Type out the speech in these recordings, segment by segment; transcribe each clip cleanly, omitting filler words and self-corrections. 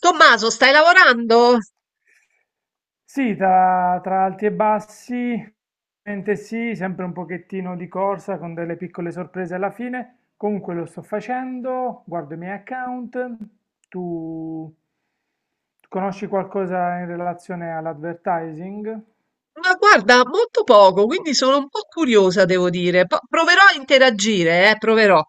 Tommaso, stai lavorando? Sì, tra alti e bassi, ovviamente sì, sempre un pochettino di corsa con delle piccole sorprese alla fine. Comunque lo sto facendo, guardo i miei account. Tu conosci qualcosa in relazione all'advertising? Ma guarda, molto poco, quindi sono un po' curiosa, devo dire. Proverò a interagire, proverò.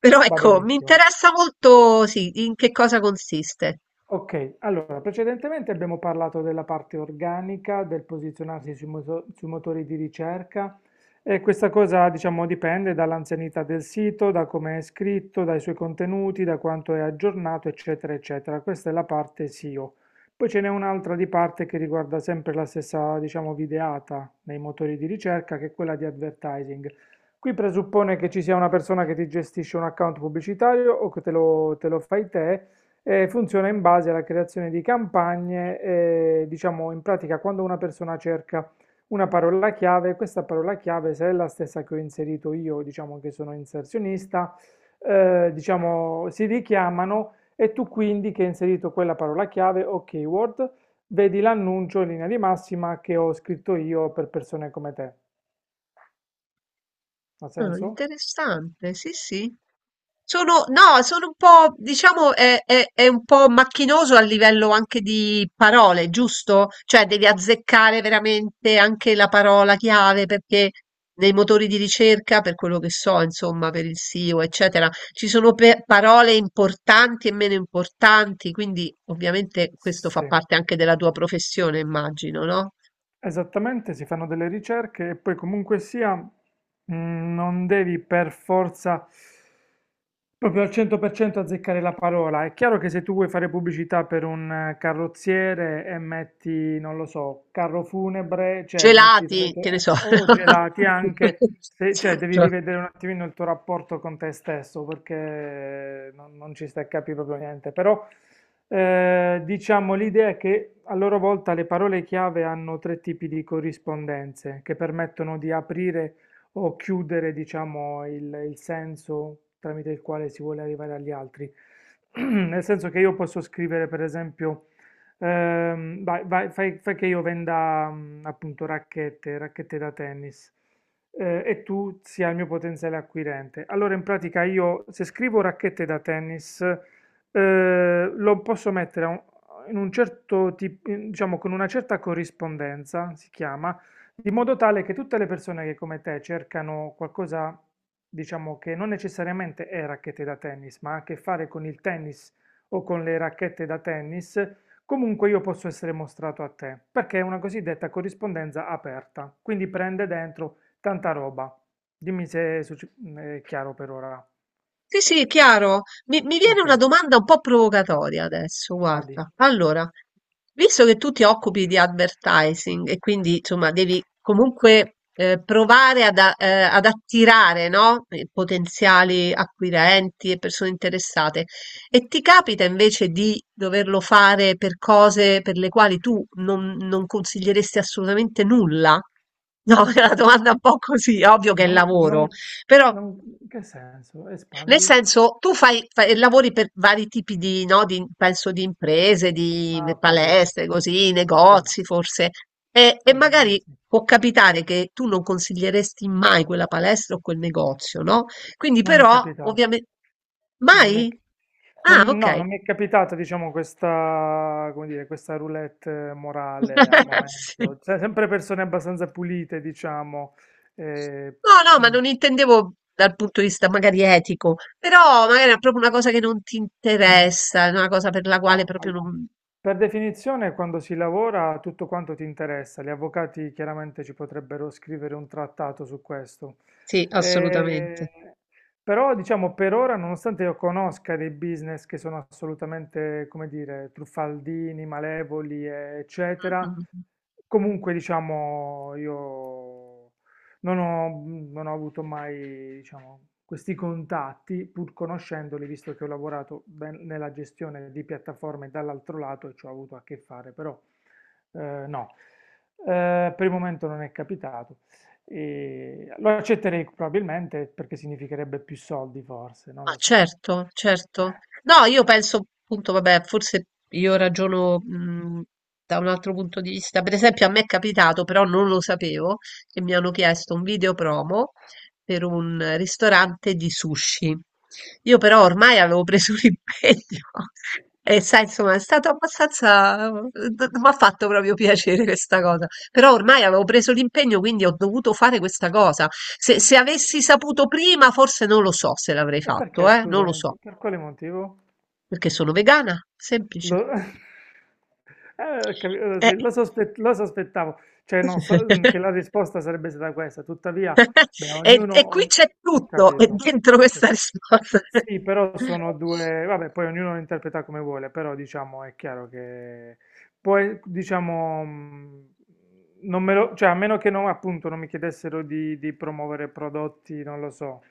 Però Va ecco, mi benissimo. interessa molto, sì, in che cosa consiste. Ok, allora precedentemente abbiamo parlato della parte organica, del posizionarsi sui motori di ricerca e questa cosa diciamo dipende dall'anzianità del sito, da come è scritto, dai suoi contenuti, da quanto è aggiornato, eccetera, eccetera. Questa è la parte SEO. Poi ce n'è un'altra di parte che riguarda sempre la stessa, diciamo, videata nei motori di ricerca, che è quella di advertising. Qui presuppone che ci sia una persona che ti gestisce un account pubblicitario o che te lo fai te e funziona in base alla creazione di campagne, diciamo in pratica quando una persona cerca una parola chiave, questa parola chiave, se è la stessa che ho inserito io, diciamo che sono inserzionista, diciamo si richiamano e tu quindi che hai inserito quella parola chiave o keyword, vedi l'annuncio in linea di massima che ho scritto io per persone come te. Ha Ah, senso? interessante, sì, sì. Sono, no, Sono un po', diciamo, è un po' macchinoso a livello anche di parole, giusto? Cioè devi azzeccare veramente anche la parola chiave perché nei motori di ricerca, per quello che so, insomma, per il SEO, eccetera, ci sono parole importanti e meno importanti, quindi ovviamente questo fa Sì. parte anche della tua professione, immagino, no? Esattamente, si fanno delle ricerche e poi comunque sia, non devi per forza proprio al 100% azzeccare la parola. È chiaro che se tu vuoi fare pubblicità per un carrozziere e metti, non lo so, carro funebre, cioè metti Gelati, che ne so. o gelati anche, cioè devi Certo. rivedere un attimino il tuo rapporto con te stesso perché non ci stai a capire proprio niente, però diciamo, l'idea è che a loro volta le parole chiave hanno tre tipi di corrispondenze che permettono di aprire o chiudere, diciamo, il senso tramite il quale si vuole arrivare agli altri. Nel senso che io posso scrivere, per esempio, fai che io venda appunto racchette da tennis. E tu sia il mio potenziale acquirente. Allora, in pratica, io se scrivo racchette da tennis, lo posso mettere in un certo tipo, diciamo con una certa corrispondenza, si chiama, di modo tale che tutte le persone che come te cercano qualcosa, diciamo, che non necessariamente è racchette da tennis, ma ha a che fare con il tennis o con le racchette da tennis, comunque io posso essere mostrato a te, perché è una cosiddetta corrispondenza aperta, quindi prende dentro tanta roba. Dimmi se è succe- è chiaro per ora. Sì, sì, chiaro. Mi viene Ok, una domanda un po' provocatoria adesso, vadi. guarda. Allora, visto che tu ti occupi di advertising e quindi insomma devi comunque provare ad attirare, no? Potenziali acquirenti e persone interessate, e ti capita invece di doverlo fare per cose per le quali tu non, non consiglieresti assolutamente nulla? No, è una domanda un po' così, ovvio che è Non, lavoro, non, però. In che senso? Nel Espandi? senso, lavori per vari tipi di, no, di- penso, di imprese, di Ah, ho capito. palestre, così, Sì, negozi forse, e aziende magari sì. può capitare che tu non consiglieresti mai quella palestra o quel negozio, no? Quindi Non mi è però, capitato. ovviamente, Non mi è- mai? Ah, ok. Non mi è capitato, diciamo, questa, come dire, questa roulette morale al Sì. momento. Cioè, sempre persone abbastanza pulite, diciamo. eh, No, no, ma mm. non intendevo dal punto di vista magari etico, però magari è proprio una cosa che non ti interessa, è una cosa per la quale No, proprio non. per definizione quando si lavora tutto quanto ti interessa, gli avvocati chiaramente ci potrebbero scrivere un trattato su questo. Sì, Eh, assolutamente. Però diciamo per ora, nonostante io conosca dei business che sono assolutamente, come dire, truffaldini, malevoli, Mm, eccetera, mm. comunque diciamo io non ho, non ho avuto mai diciamo, questi contatti, pur conoscendoli, visto che ho lavorato nella gestione di piattaforme dall'altro lato e ci ho avuto a che fare, però eh, no, per il momento non è capitato. E lo accetterei probabilmente perché significherebbe più soldi, forse, non Ma lo so. certo, certo. No, io penso appunto, vabbè, forse io ragiono da un altro punto di vista. Per esempio, a me è capitato, però non lo sapevo, che mi hanno chiesto un video promo per un ristorante di sushi. Io però ormai avevo preso l'impegno e sai, insomma, è stato abbastanza, mi ha fatto proprio piacere questa cosa. Però ormai avevo preso l'impegno, quindi ho dovuto fare questa cosa. Se avessi saputo prima, forse non lo so se l'avrei E fatto, perché, eh? Non lo scusami, so, per quale motivo? perché sono vegana, Lo, semplice. Eh. sì, lo sospettavo, cioè no, che la risposta sarebbe stata questa, tuttavia, beh, E, e qui c'è ho tutto, e capito. dentro Ok. questa risposta. Sì, però sono due, vabbè, poi ognuno lo interpreta come vuole, però diciamo è chiaro che poi diciamo, non me lo, cioè a meno che non, appunto, non mi chiedessero di promuovere prodotti, non lo so,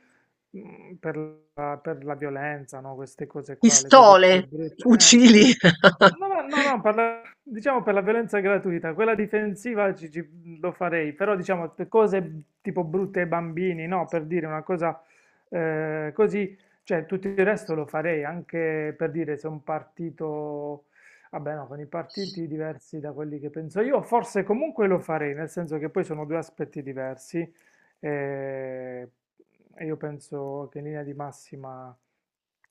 per per la violenza, no? Queste cose qua, le cose più Pistole, brutte. Fucili. No, no, no, no, diciamo per la violenza gratuita, quella difensiva lo farei, però diciamo per cose tipo brutte ai bambini, no? Per dire una cosa così, cioè tutto il resto lo farei, anche per dire se un partito, vabbè no, con i partiti diversi da quelli che penso io, forse comunque lo farei, nel senso che poi sono due aspetti diversi. E, e io penso che in linea di massima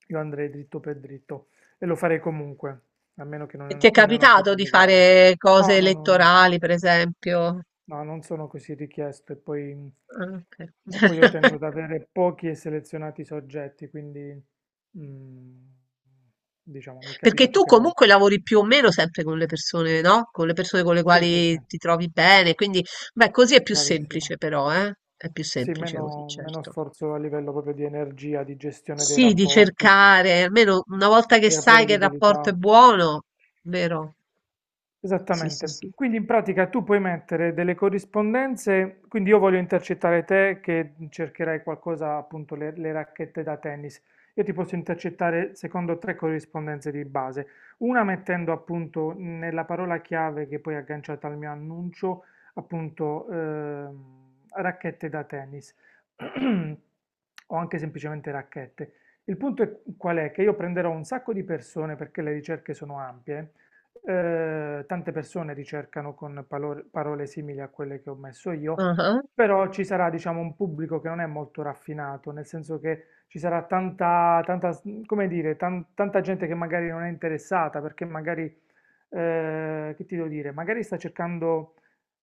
io andrei dritto per dritto e lo farei comunque, a meno che E ti è non, non è una cosa capitato di illegale. fare No, cose no, no, no, elettorali, per esempio? no, non sono così richiesto Ah, ok. e poi io tendo ad avere pochi e selezionati soggetti, quindi mm, diciamo mi Perché capita tu poche comunque volte. lavori più o meno sempre con le persone, no? Con le persone con le Sì, sì, sì, quali ti trovi bene, quindi beh, così è più bravissima. semplice però, eh? È più Sì, semplice così, meno certo. sforzo a livello proprio di energia, di gestione dei Sì, di rapporti, cercare, almeno una si volta che crea sai che il rapporto è prevedibilità. buono, vero? Sì, sì, Esattamente. sì. Quindi in pratica tu puoi mettere delle corrispondenze, quindi io voglio intercettare te che cercherai qualcosa, appunto le racchette da tennis. Io ti posso intercettare secondo tre corrispondenze di base. Una mettendo appunto nella parola chiave che poi è agganciata al mio annuncio, appunto racchette da tennis o anche semplicemente racchette. Il punto è qual è? Che io prenderò un sacco di persone perché le ricerche sono ampie, tante persone ricercano con parole simili a quelle che ho messo io, Ah, però ci sarà, diciamo, un pubblico che non è molto raffinato, nel senso che ci sarà come dire, tanta gente che magari non è interessata, perché magari, che ti devo dire, magari sta cercando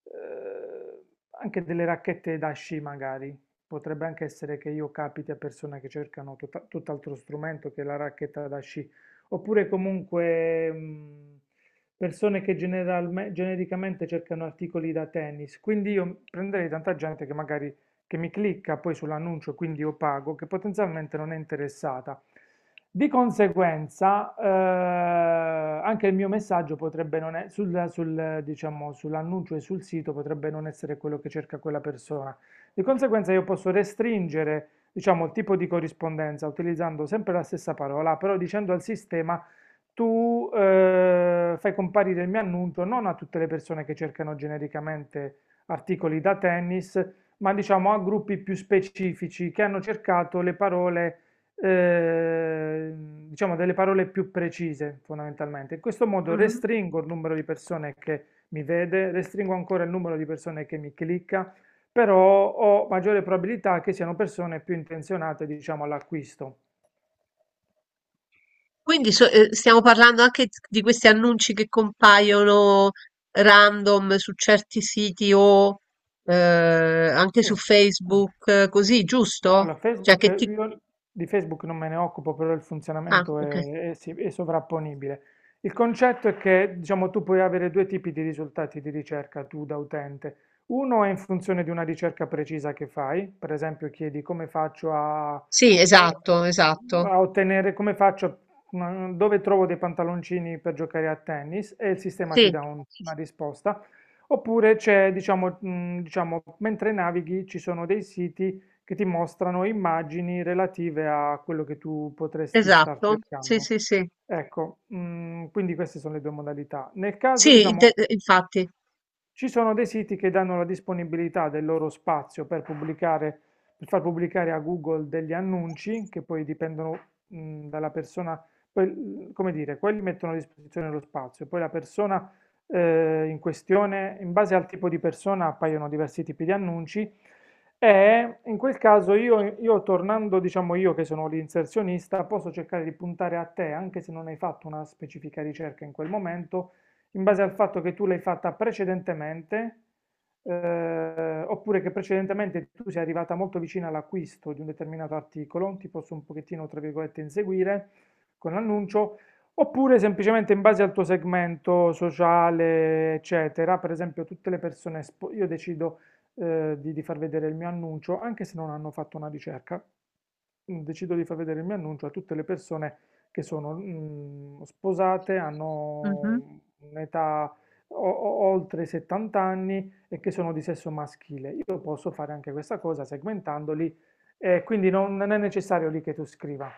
eh, anche delle racchette da sci, magari. Potrebbe anche essere che io capiti a persone che cercano tutt'altro strumento che la racchetta da sci. Oppure comunque, persone che genericamente cercano articoli da tennis, quindi io prenderei tanta gente che magari che mi clicca poi sull'annuncio, quindi io pago, che potenzialmente non è interessata. Di conseguenza, anche il mio messaggio potrebbe non è, diciamo, sull'annuncio e sul sito potrebbe non essere quello che cerca quella persona. Di conseguenza io posso restringere, diciamo, il tipo di corrispondenza utilizzando sempre la stessa parola, però dicendo al sistema tu fai comparire il mio annuncio non a tutte le persone che cercano genericamente articoli da tennis, ma diciamo a gruppi più specifici che hanno cercato le parole, eh, diciamo delle parole più precise fondamentalmente. In questo modo mhm. restringo il numero di persone che mi vede, restringo ancora il numero di persone che mi clicca, però ho maggiore probabilità che siano persone più intenzionate, diciamo, all'acquisto. Stiamo parlando anche di questi annunci che compaiono random su certi siti o eh, anche Sì, su anche. Facebook, così, giusto? Allora, Cioè Facebook, che ti io di Facebook non me ne occupo, però il Ah, funzionamento ok. È sovrapponibile. Il concetto è che, diciamo, tu puoi avere due tipi di risultati di ricerca tu da utente. Uno è in funzione di una ricerca precisa che fai, per esempio chiedi Sì, eh, esatto, esatto. a ottenere, come faccio, dove trovo dei pantaloncini per giocare a tennis e il sistema ti Sì, dà una risposta. Oppure c'è, diciamo, mentre navighi ci sono dei siti che ti mostrano immagini relative a quello che tu potresti star esatto. Sì, cercando. sì, sì. Ecco, quindi queste sono le due modalità. Nel caso, Mm. Diciamo, Infatti. ci sono dei siti che danno la disponibilità del loro spazio per pubblicare, per far pubblicare a Google degli annunci che poi dipendono, dalla persona, poi, come dire, quelli mettono a disposizione lo spazio, poi la persona, in questione, in base al tipo di persona appaiono diversi tipi di annunci e in quel caso io tornando, diciamo io che sono l'inserzionista, posso cercare di puntare a te, anche se non hai fatto una specifica ricerca in quel momento in base al fatto che tu l'hai fatta precedentemente, oppure che precedentemente tu sei arrivata molto vicina all'acquisto di un determinato articolo, ti posso un pochettino, tra virgolette, inseguire con l'annuncio, oppure semplicemente in base al tuo segmento sociale, eccetera. Per esempio, tutte le persone, io decido di far vedere il mio annuncio, anche se non hanno fatto una ricerca, decido di far vedere il mio annuncio a tutte le persone che sono sposate, Mhm. hanno un'età oltre i 70 anni e che sono di sesso maschile. Io posso fare anche questa cosa segmentandoli, quindi non è necessario lì che tu scriva.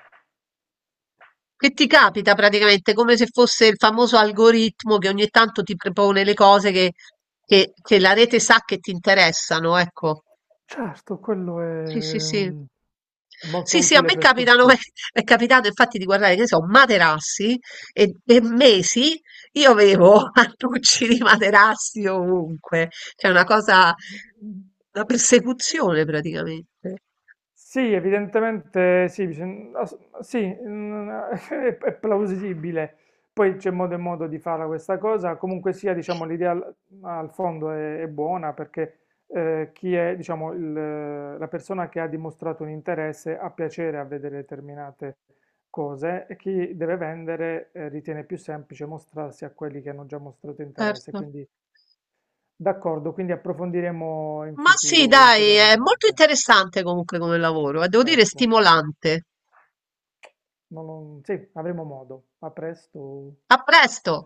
Che ti capita praticamente come se fosse il famoso algoritmo che ogni tanto ti propone le cose che, che la rete sa che ti interessano, ecco. Certo, quello è Sì, sì, sì. mm, molto Sì, sì, a utile me per capitano, tutti. è capitato infatti di guardare, che ne so, materassi e per mesi io avevo annunci di materassi ovunque, cioè una cosa, una persecuzione praticamente. Sì, evidentemente sì, sì, è plausibile. Poi c'è modo e modo di fare questa cosa. Comunque sia, diciamo, l'idea al fondo è buona perché chi è, diciamo, la persona che ha dimostrato un interesse ha piacere a vedere determinate cose e chi deve vendere ritiene più semplice mostrarsi a quelli che hanno già mostrato interesse. Certo. Quindi d'accordo, quindi approfondiremo in Ma sì, futuro dai, è molto ulteriormente, interessante comunque come lavoro, e devo dire certo. stimolante. Sì, avremo modo. A presto. A presto!